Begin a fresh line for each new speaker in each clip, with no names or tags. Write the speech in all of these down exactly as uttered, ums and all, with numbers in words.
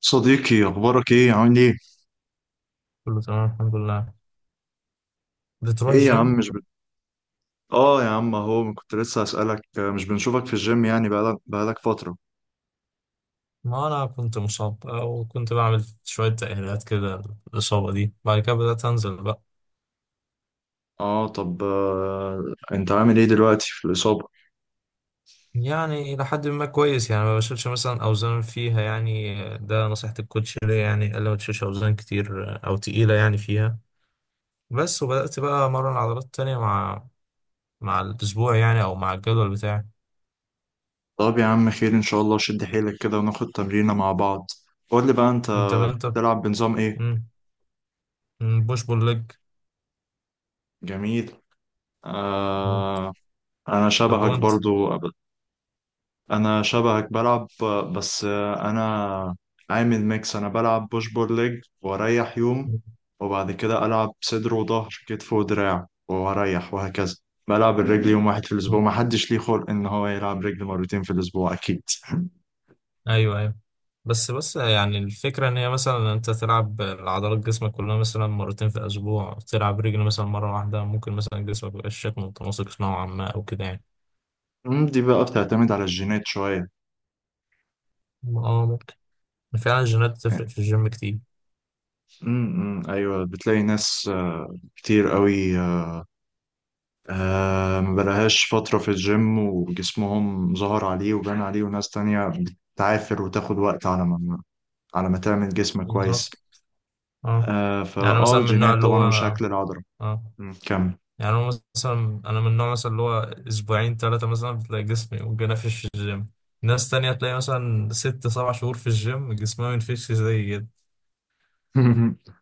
صديقي، اخبارك ايه؟ عامل ايه؟
كله تمام الحمد لله. بتروح
ايه يا
الجيم؟
عم، مش بت... اه يا عم، اهو كنت لسه هسألك، آه، مش بنشوفك في الجيم يعني بقالك بقالك فترة.
ما أنا كنت مصاب وكنت بعمل شوية تأهيلات كده للإصابة دي، بعد كده بدأت أنزل بقى.
اه طب آه... انت عامل ايه دلوقتي في الإصابة؟
يعني إلى حد ما كويس، يعني ما بشيلش مثلا أوزان فيها، يعني ده نصيحة الكوتش ليا، يعني قال لي ما تشيلش أوزان كتير أو تقيلة يعني فيها، بس وبدأت بقى أمرن عضلات تانية مع مع الأسبوع يعني أو مع الجدول بتاعي.
طب يا عم، خير ان شاء الله، شد حيلك كده وناخد تمرينة مع بعض. قول لي بقى انت
أنت أنت
بتلعب بنظام ايه؟
بوش بول ليج.
جميل. آه... انا
طب
شبهك
وأنت؟
برضو. انا شبهك بلعب، آه، بس آه، انا عامل ميكس. انا بلعب بوش بول ليج واريح يوم، وبعد كده العب صدر وظهر كتف ودراع واريح وهكذا. بلعب الرجل يوم واحد في الاسبوع، ما حدش ليه خلق ان هو يلعب رجل مرتين في الاسبوع اكيد.
ايوه، ايوه. بس بس يعني الفكره ان هي مثلا انت تلعب العضلات جسمك كلها مثلا مرتين في الاسبوع، تلعب رجل مثلا مره واحده، ممكن مثلا جسمك ميبقاش شكله متناسق نوعا ما او كده يعني.
أمم، دي بقى بتعتمد على الجينات شوية.
اه ممكن. فعلا الجينات بتفرق في الجيم كتير.
أمم، أمم، ايوه، بتلاقي ناس آه، كتير قوي. آه، آه ما بقالهاش فترة في الجيم وجسمهم ظهر عليه وبان عليه، وناس تانية بتعافر وتاخد وقت على ما على ما تعمل جسم
بالظبط.
كويس.
اه.
آه
يعني
فاه
مثلا من النوع
الجينات
اللي
طبعا
هو.
وشكل العضلة.
اه.
مم، كمل.
يعني انا مثلا، انا من النوع مثلا اللي هو اسبوعين ثلاثه مثلا بتلاقي جسمي متجنفش في الجيم، ناس تانية تلاقي مثلا ست سبع شهور في الجيم جسمها منفش زي كده.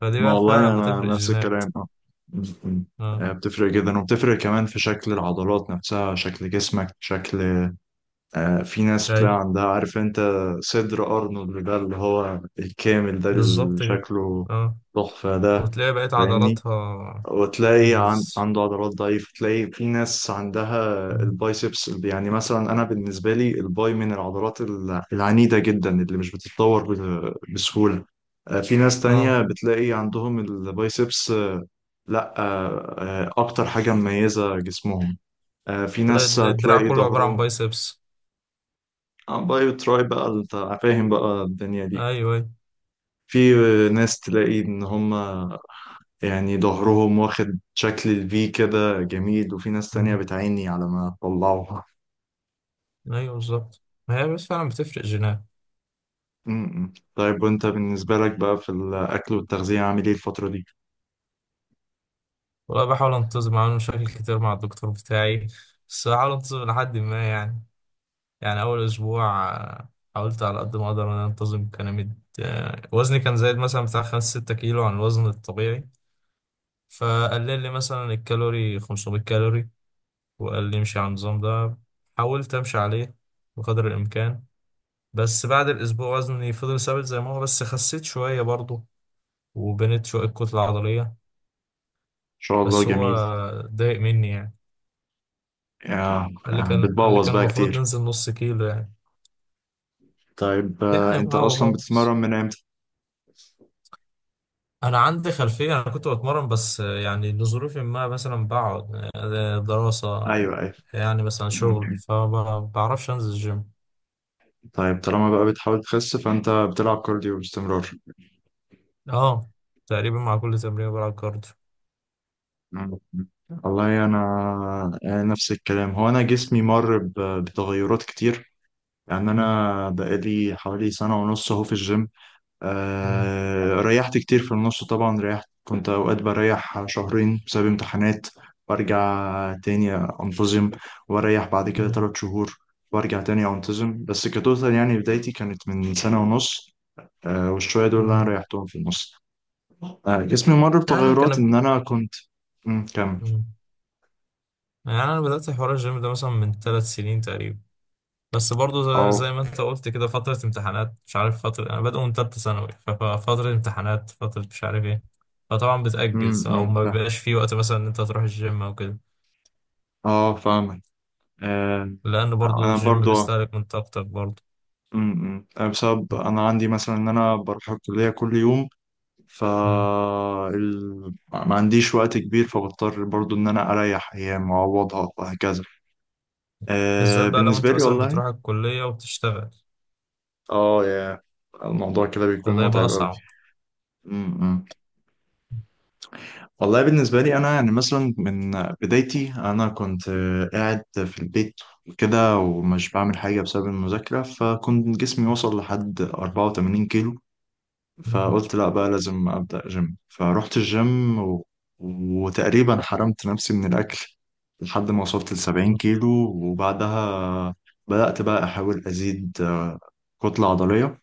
فدي
ما
بقى
والله
فعلا بتفرق
انا نفس
الجينات.
الكلام، اه. مم، مم. آه،
اه.
بتفرق جدا، وبتفرق كمان في شكل العضلات نفسها، شكل جسمك، شكل. آه في ناس بتلاقي
جاي.
عندها، عارف انت، صدر ارنولد ده اللي هو الكامل ده اللي
بالظبط كده.
شكله
اه.
تحفة ده.
وتلاقي بقيت
فاهمني؟
عضلاتها.
وتلاقي عن-
بز...
عنده عضلات ضعيفة. تلاقي في ناس عندها
مم.
البايسبس، يعني مثلا أنا بالنسبة لي الباي من العضلات ال- العنيدة جدا اللي مش بتتطور ب- بسهولة. آه، في ناس
اه،
تانية بتلاقي عندهم البايسبس، آه، لا آه، آه، أكتر حاجة مميزة جسمهم. آه، في
تلاقي
ناس
الد- الدراع
تلاقي
كله عبارة عن
ظهرهم،
بايسبس.
آه، بايو تراي بقى. أنت فاهم بقى الدنيا دي.
ايوه ايوه.
في ناس تلاقي إن هم يعني ظهرهم واخد شكل الفي كده جميل، وفي ناس تانية
مم.
بتعيني على ما تطلعوها.
ايوه بالظبط. ما هي بس فعلا بتفرق جينات.
م-م. طيب وانت بالنسبة لك بقى في الأكل والتغذية عامل ايه الفترة دي؟ إن
والله بحاول انتظم، عامل مشاكل كتير مع الدكتور بتاعي، بس بحاول انتظم لحد ما يعني. يعني أول أسبوع آه، حاولت على قد ما أقدر إن أنا أنتظم، كان مد... آه، وزني كان زايد مثلا بتاع خمسة ستة كيلو عن الوزن الطبيعي، فقلل لي مثلا الكالوري خمسمية كالوري، وقال لي امشي على النظام ده. حاولت أمشي عليه بقدر الإمكان، بس بعد الأسبوع وزني فضل ثابت زي ما هو، بس خسيت شوية برضه وبنيت شوية كتلة عضلية.
شاء الله
بس هو
جميل.
ضايق مني يعني،
آه،
قال لي
آه،
كان، قال لي
بتبوظ
كان
بقى
المفروض
كتير.
ننزل نص كيلو يعني.
طيب، آه،
يعني
انت
بابا
أصلا
بابا
بتتمرن من امتى؟
انا عندي خلفيه، انا كنت بتمرن بس يعني لظروف ما مثلا بقعد، آه، دراسه
ايوه، ايوه.
يعني، مثلا شغل،
م-م.
فما بعرفش انزل الجيم.
طيب، طالما بقى بتحاول تخس فانت بتلعب كارديو باستمرار؟
اه، تقريبا مع كل تمرين بلعب كارديو.
م-م. والله انا، أنا نفس الكلام. هو انا جسمي مر ب- بتغيرات كتير. يعني أنا بقالي حوالي سنة ونص أهو في الجيم.
مم.
آه ريحت كتير في النص طبعا، ريحت. كنت أوقات بريح شهرين بسبب امتحانات، وأرجع تاني أنتظم، وأريح بعد كده
مم.
تلات شهور وأرجع تاني أنتظم. بس كتوتال يعني بدايتي كانت من سنة ونص. آه والشوية دول اللي أنا
آه.
ريحتهم في النص. آه جسمي مر
يعني انا
بتغيرات،
كان.
إن أنا كنت. مم، كمل.
مم. يعني انا بدات حوار الجيم ده مثلا من ثلاث سنين تقريبا، بس برضه زي
أه.
زي ما انت قلت كده، فتره امتحانات، مش عارف فتره، انا بادئ من ثالثه ثانوي، ففتره امتحانات، فتره مش عارف ايه، فطبعا
أمم،
بتاجز او
أمم،
ما
فاهم.
بيبقاش في وقت مثلا ان انت تروح الجيم او كده.
أه، فاهمك. آه،
لأن برضو
انا
الجيم
برضو.
بيستهلك من طاقتك برضو.
امم امم. آه، بسبب انا عندي مثلا ان انا بروح الكليه كل يوم. ف
مم.
ال- ما عنديش وقت كبير، فبضطر برضو ان انا اريح ايام واعوضها وهكذا. آه
بالذات بقى لو
بالنسبه
أنت
لي
مثلا
والله.
بتروح الكلية وبتشتغل،
اه يا الموضوع كده بيكون
فده يبقى
متعب قوي.
أصعب.
امم امم. والله بالنسبه لي انا يعني مثلا من بدايتي، انا كنت قاعد في البيت كده ومش بعمل حاجه بسبب المذاكره، فكنت جسمي وصل لحد اربعة وتمانين كيلو.
مم.
فقلت لا بقى، لازم أبدأ جيم. فروحت الجيم و... وتقريبا حرمت نفسي من الأكل لحد ما وصلت لسبعين كيلو. وبعدها بدأت بقى أحاول أزيد آه، كتلة عضلية.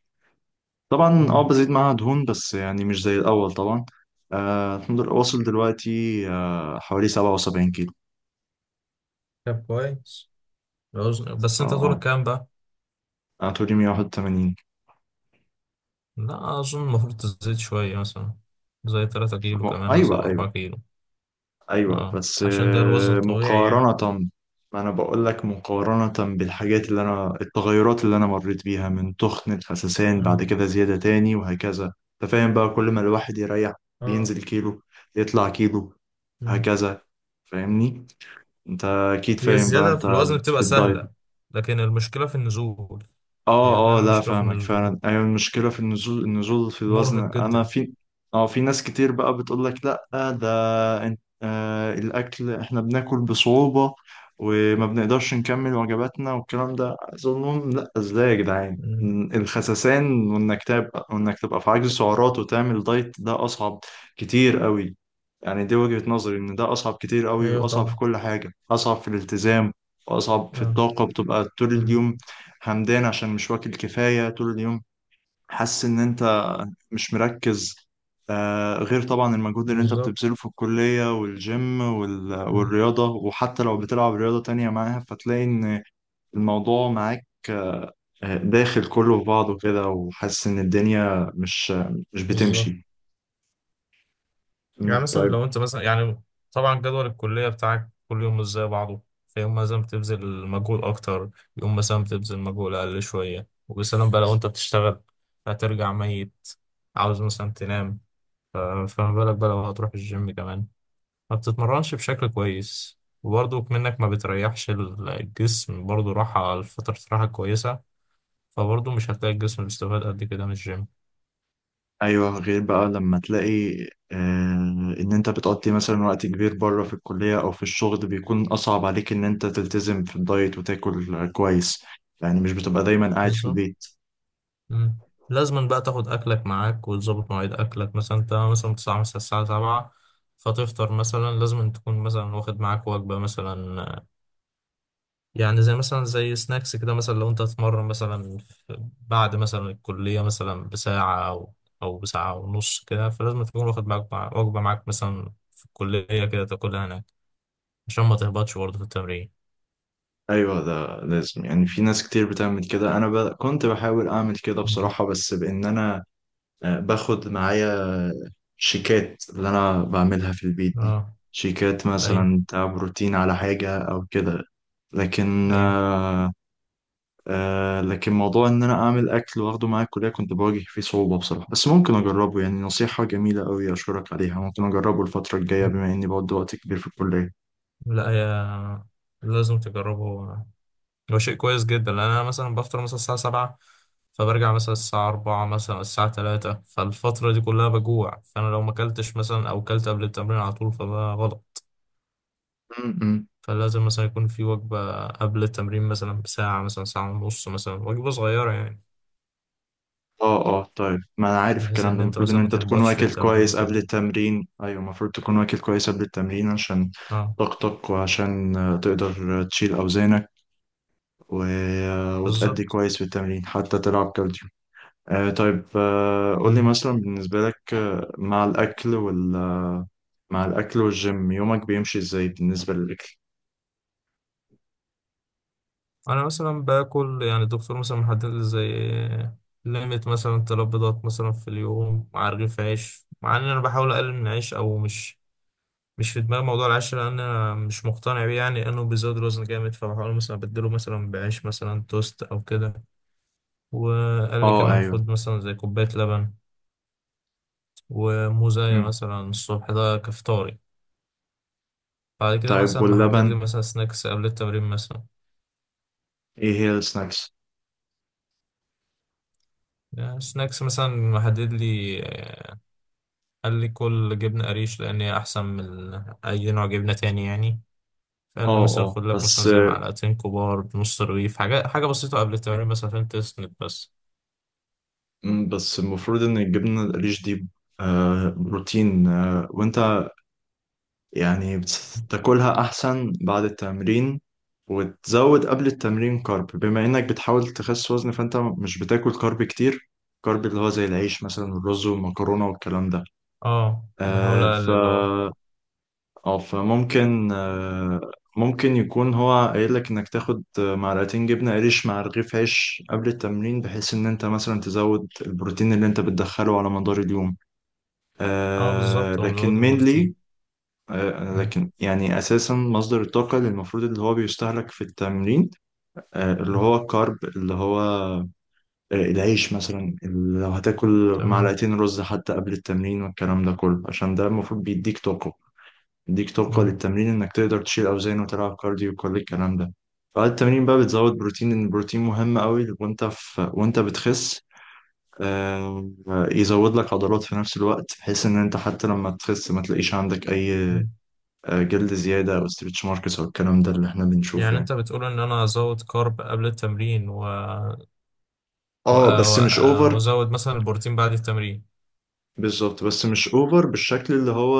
طبعا اه
مم.
بزيد معاها دهون بس يعني مش زي الأول طبعا. آه الحمد لله، واصل دلوقتي آه حوالي سبعة وسبعين كيلو.
طب كويس الوزن، بس
فا
أنت طولك
اه
كام بقى؟
أنا طولي مية واحد وتمانين.
لا أظن المفروض تزيد شوية، مثلا زي تلاتة كيلو كمان مثلا أو
أيوة، أيوة،
أربعة كيلو.
ايوه.
اه
بس
عشان ده الوزن
آه،
الطبيعي يعني.
مقارنة. ما انا بقول لك، مقارنة بالحاجات اللي انا، التغيرات اللي انا مريت بيها من تخن، الخسسان، بعد
اه.
كده زيادة تاني، وهكذا. انت فاهم بقى، كل ما الواحد يريح
اه.
بينزل كيلو، يطلع كيلو،
مم.
هكذا. فاهمني؟ انت اكيد
هي
فاهم بقى
الزيادة
انت،
في الوزن
في
بتبقى
الدايت.
سهلة، لكن المشكلة في النزول. هي
اه اه،
فعلا
لا
المشكلة في
فاهمك
النزول،
فعلا. ايوه، المشكله في النزول، النزول في الوزن.
مرهق
انا
جدا.
في. اه في ناس كتير بقى بتقول لك لا، ده انت، آه الاكل احنا بناكل بصعوبه وما بنقدرش نكمل وجباتنا والكلام ده. عايز اقول لهم لا، ازاي يا جدعان؟
مم.
ال- الخسسان وانك تبقى، وانك تبقى في عجز سعرات وتعمل دايت، ده اصعب كتير قوي. يعني دي وجهة نظري ان ده اصعب كتير قوي،
ايوه
واصعب في
طبعا.
كل حاجة، اصعب في الالتزام، واصعب في الطاقة بتبقى طول
اه.
اليوم همدان عشان مش واكل كفاية طول اليوم. حاسس إن أنت مش مركز. آه غير طبعا المجهود اللي أنت
بالظبط.
بتبذله في الكلية والجيم وال...
مم.
والرياضة. وحتى لو بتلعب رياضة تانية معاها، فتلاقي إن الموضوع معاك آه، داخل كله في بعضه كده. وحاسس إن الدنيا مش مش
بالظبط.
بتمشي.
يعني
مم،
مثلا
طيب.
لو انت مثلا يعني، طبعا جدول الكلية بتاعك كل يوم مش زي بعضه، فيوم مثلا بتبذل مجهود أكتر، يوم مثلا بتبذل مجهود أقل شوية، وبسلام بقى لو انت بتشتغل، هترجع ميت، عاوز مثلا تنام. ف- فما بالك بقى لو هتروح الجيم كمان، ما بتتمرنش بشكل كويس، وبرضه منك ما بتريحش الجسم برضه راحة، فترة راحة كويسة، فبرضه مش هتلاقي الجسم بيستفاد قد كده من الجيم.
ايوه غير بقى لما تلاقي آه ان انت بتقضي مثلا وقت كبير بره في الكليه او في الشغل، بيكون اصعب عليك ان انت تلتزم في الدايت وتاكل كويس. يعني مش بتبقى دايما قاعد في
بالظبط.
البيت.
مم. لازم بقى تاخد اكلك معاك وتظبط مواعيد اكلك. مثلا انت مثلا بتصحى مثلا الساعه السابعة، فتفطر مثلا، لازم تكون مثلا واخد معاك وجبه مثلا، آه، يعني زي مثلا زي سناكس كده، مثلا لو انت هتتمرن مثلا في- بعد مثلا الكليه مثلا بساعه او او بساعه ونص كده، فلازم تكون واخد معاك مع- وجبه معاك مثلا في الكليه كده تاكلها هناك عشان ما تهبطش برضه في التمرين.
ايوه، ده لازم يعني. في ناس كتير بتعمل كده. انا ب... كنت بحاول اعمل كده
مم.
بصراحه، بس بان انا، آه، باخد معايا شيكات اللي انا بعملها في البيت دي.
اه
شيكات
ايوه
مثلا بتاع بروتين على حاجة او كده. لكن،
ايوه.
آه آه لكن موضوع ان انا اعمل اكل واخده معايا الكلية كنت بواجه فيه صعوبة بصراحة. بس ممكن اجربه، يعني نصيحة جميلة قوي، اشكرك عليها. ممكن اجربه الفترة الجاية بما اني بقضي وقت كبير في الكلية.
لا يا، لازم تجربه، هو شيء كويس جدا. لان انا مثلا بفطر مثلا الساعه سبعة، فبرجع مثلا الساعه أربعة مثلا الساعه الثالثة، فالفتره دي كلها بجوع، فانا لو ما اكلتش مثلا او اكلت قبل التمرين على طول فده غلط.
م- م.
فلازم مثلا يكون في وجبه قبل التمرين مثلا بساعه مثلا ساعه ونص، مثلا وجبه صغيره يعني،
اه اه، طيب، ما انا عارف
بحيث
الكلام
ان
ده.
انت
المفروض ان
مثلا ما
انت تكون
تهبطش في
واكل
التمرين
كويس
وكده.
قبل التمرين. ايوه، المفروض تكون واكل كويس قبل التمرين عشان
اه
طاقتك، وعشان آه، تقدر آه، تشيل اوزانك و... آه، وتأدي
بالظبط.
كويس في التمرين، حتى تلعب كارديو. آه طيب، آه قول لي
مم.
مثلا بالنسبة لك آه، مع الاكل وال آه، مع الاكل والجيم، يومك بيمشي ازاي بالنسبة للاكل؟
انا مثلا باكل يعني، الدكتور مثلا محدد لي زي ليميت مثلا تلات بيضات مثلا في اليوم مع رغيف عيش، مع ان انا بحاول اقلل من العيش، او مش مش في دماغي موضوع العيش، لان انا مش مقتنع بيه يعني، لانه بيزود الوزن جامد، فبحاول مثلا ابدله مثلا بعيش مثلا توست او كده. وقال لي
اه،
كمان
ايوه.
خد مثلا زي كوبايه لبن وموزايه
مم.
مثلا الصبح، ده كفطاري. بعد كده
طيب،
مثلا محدد لي
واللبن
مثلا سناكس قبل التمرين مثلا.
ايه هي السناكس؟
يعني سناكس مثلا محدد لي، آه، قال لي كل جبنه قريش لان هي احسن من اي نوع جبنه تاني يعني. فقال لي
اه
مثلا
اه،
خد لك مثلا
بس.
زي معلقتين كبار بنص رغيف، حاجه حاجه بسيطه قبل التمرين مثلا عشان تسند بس.
مم، بس المفروض ان الجبنه القريش دي آه، بروتين. آه، وانت يعني بتاكلها احسن بعد التمرين، وتزود قبل التمرين كارب. بما انك بتحاول تخس وزن، فانت مش بتاكل كارب كتير، كارب اللي هو زي العيش مثلا والرز والمكرونه والكلام ده.
اه بحاول
آه، ف
اقلل اه.
اه فممكن آه، ممكن يكون هو قايل لك انك تاخد معلقتين جبنه قريش مع رغيف عيش قبل التمرين، بحيث ان انت مثلا تزود البروتين اللي انت بتدخله على مدار اليوم.
اه
آه
بالظبط، هو مزود
لكن mainly،
البروتين.
آه
مم.
لكن يعني أساسا مصدر الطاقة اللي المفروض اللي هو بيستهلك في التمرين، آه اللي
مم.
هو الكارب، اللي هو آه العيش مثلا. اللي لو هتاكل
تمام.
معلقتين رز حتى قبل التمرين والكلام ده كله، عشان ده المفروض بيديك طاقة، بيديك طاقة
مم.
للتمرين، إنك تقدر تشيل أوزان وتلعب كارديو وكل الكلام ده. بعد التمرين بقى بتزود بروتين، لأن البروتين مهم قوي وأنت في، وأنت بتخس. آه، يزود لك عضلات في نفس الوقت، بحيث ان انت حتى لما تخس ما تلاقيش عندك اي
مم.
آه، جلد زيادة او ستريتش ماركس او الكلام ده اللي احنا بنشوفه
يعني
يعني.
انت بتقول ان انا ازود كارب قبل التمرين و... و...
اه
و...
بس مش اوفر.
وازود مثلا البروتين بعد التمرين.
بالظبط، بس مش اوفر بالشكل اللي هو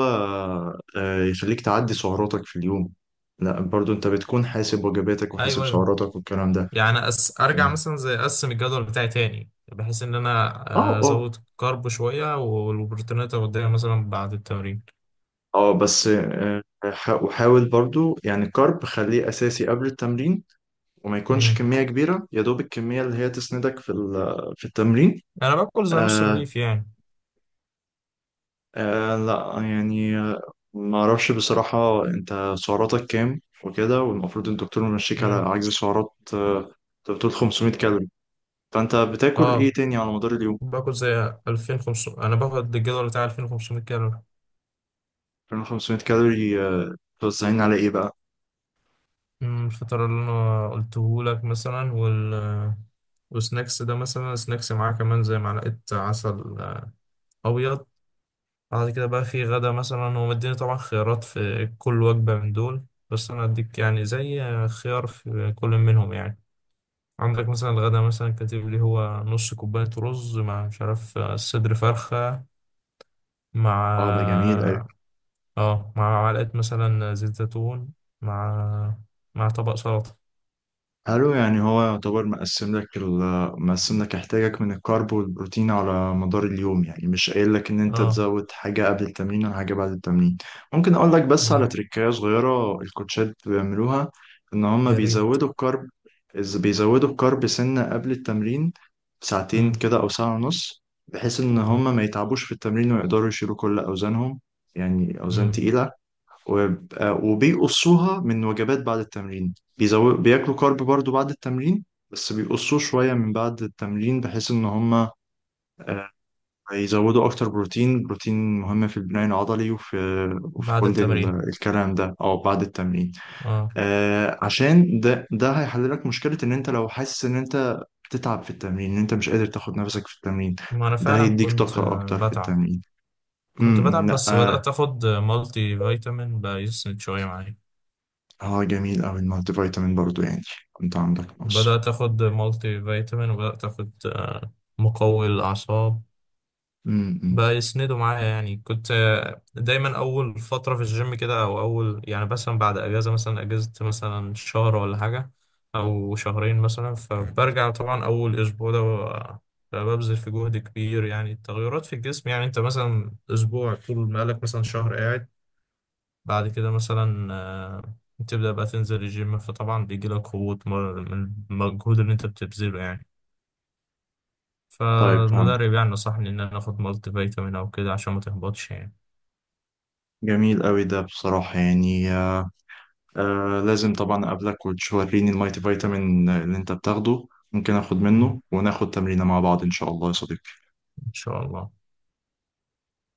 آه، يخليك تعدي سعراتك في اليوم. لا، برضو انت بتكون حاسب وجباتك وحاسب
ايوه ايوه.
سعراتك والكلام ده.
يعني أس... ارجع
اه
مثلا زي اقسم الجدول بتاعي تاني بحيث ان انا
اه
آه،
اه.
ازود كارب شويه، والبروتينات اوديها مثلا بعد التمرين.
آه، بس آه، حا- وحاول برضو يعني الكارب خليه اساسي قبل التمرين، وما يكونش
مم.
كمية كبيرة، يا دوب الكمية اللي هي تسندك في ال- في التمرين.
انا باكل زي نص
آه
رغيف يعني.
آه لا يعني، آه، ما اعرفش بصراحة انت سعراتك كام وكده. والمفروض الدكتور يمشيك على
مم.
عجز سعرات. آه، انت بتقول خمسمائة كالوري. فانت بتاكل ايه
اه،
تاني على مدار اليوم؟
باكل زي ألفين وخمسمائة، انا باخد الجدول بتاع ألفين وخمسمائة كالوري.
خمسميه كالوري، آه، توزعين على ايه بقى؟
مم، الفطار اللي انا قلته لك مثلا، وال وسناكس ده مثلا، سناكس معاه كمان زي معلقة عسل آه، أبيض. بعد كده بقى في غدا مثلا، هو مديني طبعا خيارات في كل وجبة من دول، بس أنا أديك يعني زي آه، خيار في كل منهم يعني. عندك مثلا الغدا مثلا كاتب لي هو نص كوباية رز مع مش عارف آه، صدر فرخة،
اه، ده
مع
جميل آه.
اه آه، مع معلقة مثلا زيت زيتون، مع مع طبق سلطة.
حلو. يعني هو يعتبر مقسم لك ال- مقسم لك احتياجك من الكارب والبروتين على مدار اليوم. يعني مش قايل لك ان انت
اه.
تزود حاجة قبل التمرين ولا حاجة بعد التمرين. ممكن اقول لك بس على
لا
تريكاية صغيرة الكوتشات بيعملوها، ان هم
يا ريت.
بيزودوا الكارب. إز- بيزودوا الكارب سنة قبل التمرين، ساعتين
مم.
كده او ساعة ونص، بحيث ان هم ما يتعبوش في التمرين ويقدروا يشيلوا كل اوزانهم، يعني اوزان
مم.
تقيلة. ويبقى- وبيقصوها من وجبات بعد التمرين. بيزو... بياكلوا كارب برضو بعد التمرين بس بيقصوه شوية من بعد التمرين، بحيث إن هما آه، يزودوا أكتر بروتين. بروتين مهم في البناء العضلي وفي، وفي
بعد
كل
التمرين.
ال- الكلام ده أو بعد التمرين.
اه.
آه، عشان ده، ده هيحل لك مشكلة إن أنت لو حاسس إن أنت بتتعب في التمرين، إن أنت مش قادر تاخد نفسك في التمرين.
ما انا
ده
فعلا
هيديك
كنت
طاقة
آه،
أكتر في
بتعب،
التمرين.
كنت
امم
بتعب،
لا،
بس
اه.
بدأت اخد مالتي فيتامين بقى يسند شوية معايا.
آه، جميل أوي. المالتي فيتامين برضو يعني كنت عندك نقص.
بدأت اخد مالتي فيتامين، وبدأت اخد آه، مقوي للأعصاب
امم
بقى يسندوا معايا. يعني كنت آه، دايما اول فتره في الجيم كده، او اول يعني مثلا بعد اجازه، مثلا اجازه مثلا شهر ولا حاجه او شهرين مثلا، فبرجع طبعا اول اسبوع ده ب- ببذل في جهد كبير. يعني التغيرات في الجسم يعني، انت مثلا اسبوع طول ما لك مثلا شهر قاعد، بعد كده مثلا آه، تبدا بقى تنزل الجيم، فطبعا بيجي لك هبوط من من المجهود اللي انت بتبذله يعني.
طيب، فهمت.
فالمدرب يعني نصحني إن أنا آخد مالتي فيتامين أو كده عشان ما تهبطش يعني.
جميل قوي ده بصراحة يعني. آه آه لازم طبعا أقابلك وتوريني المايتي فيتامين اللي أنت بتاخده. ممكن آخد
مم.
منه وناخد تمرينة مع بعض إن شاء الله يا صديقي.
إن شاء الله.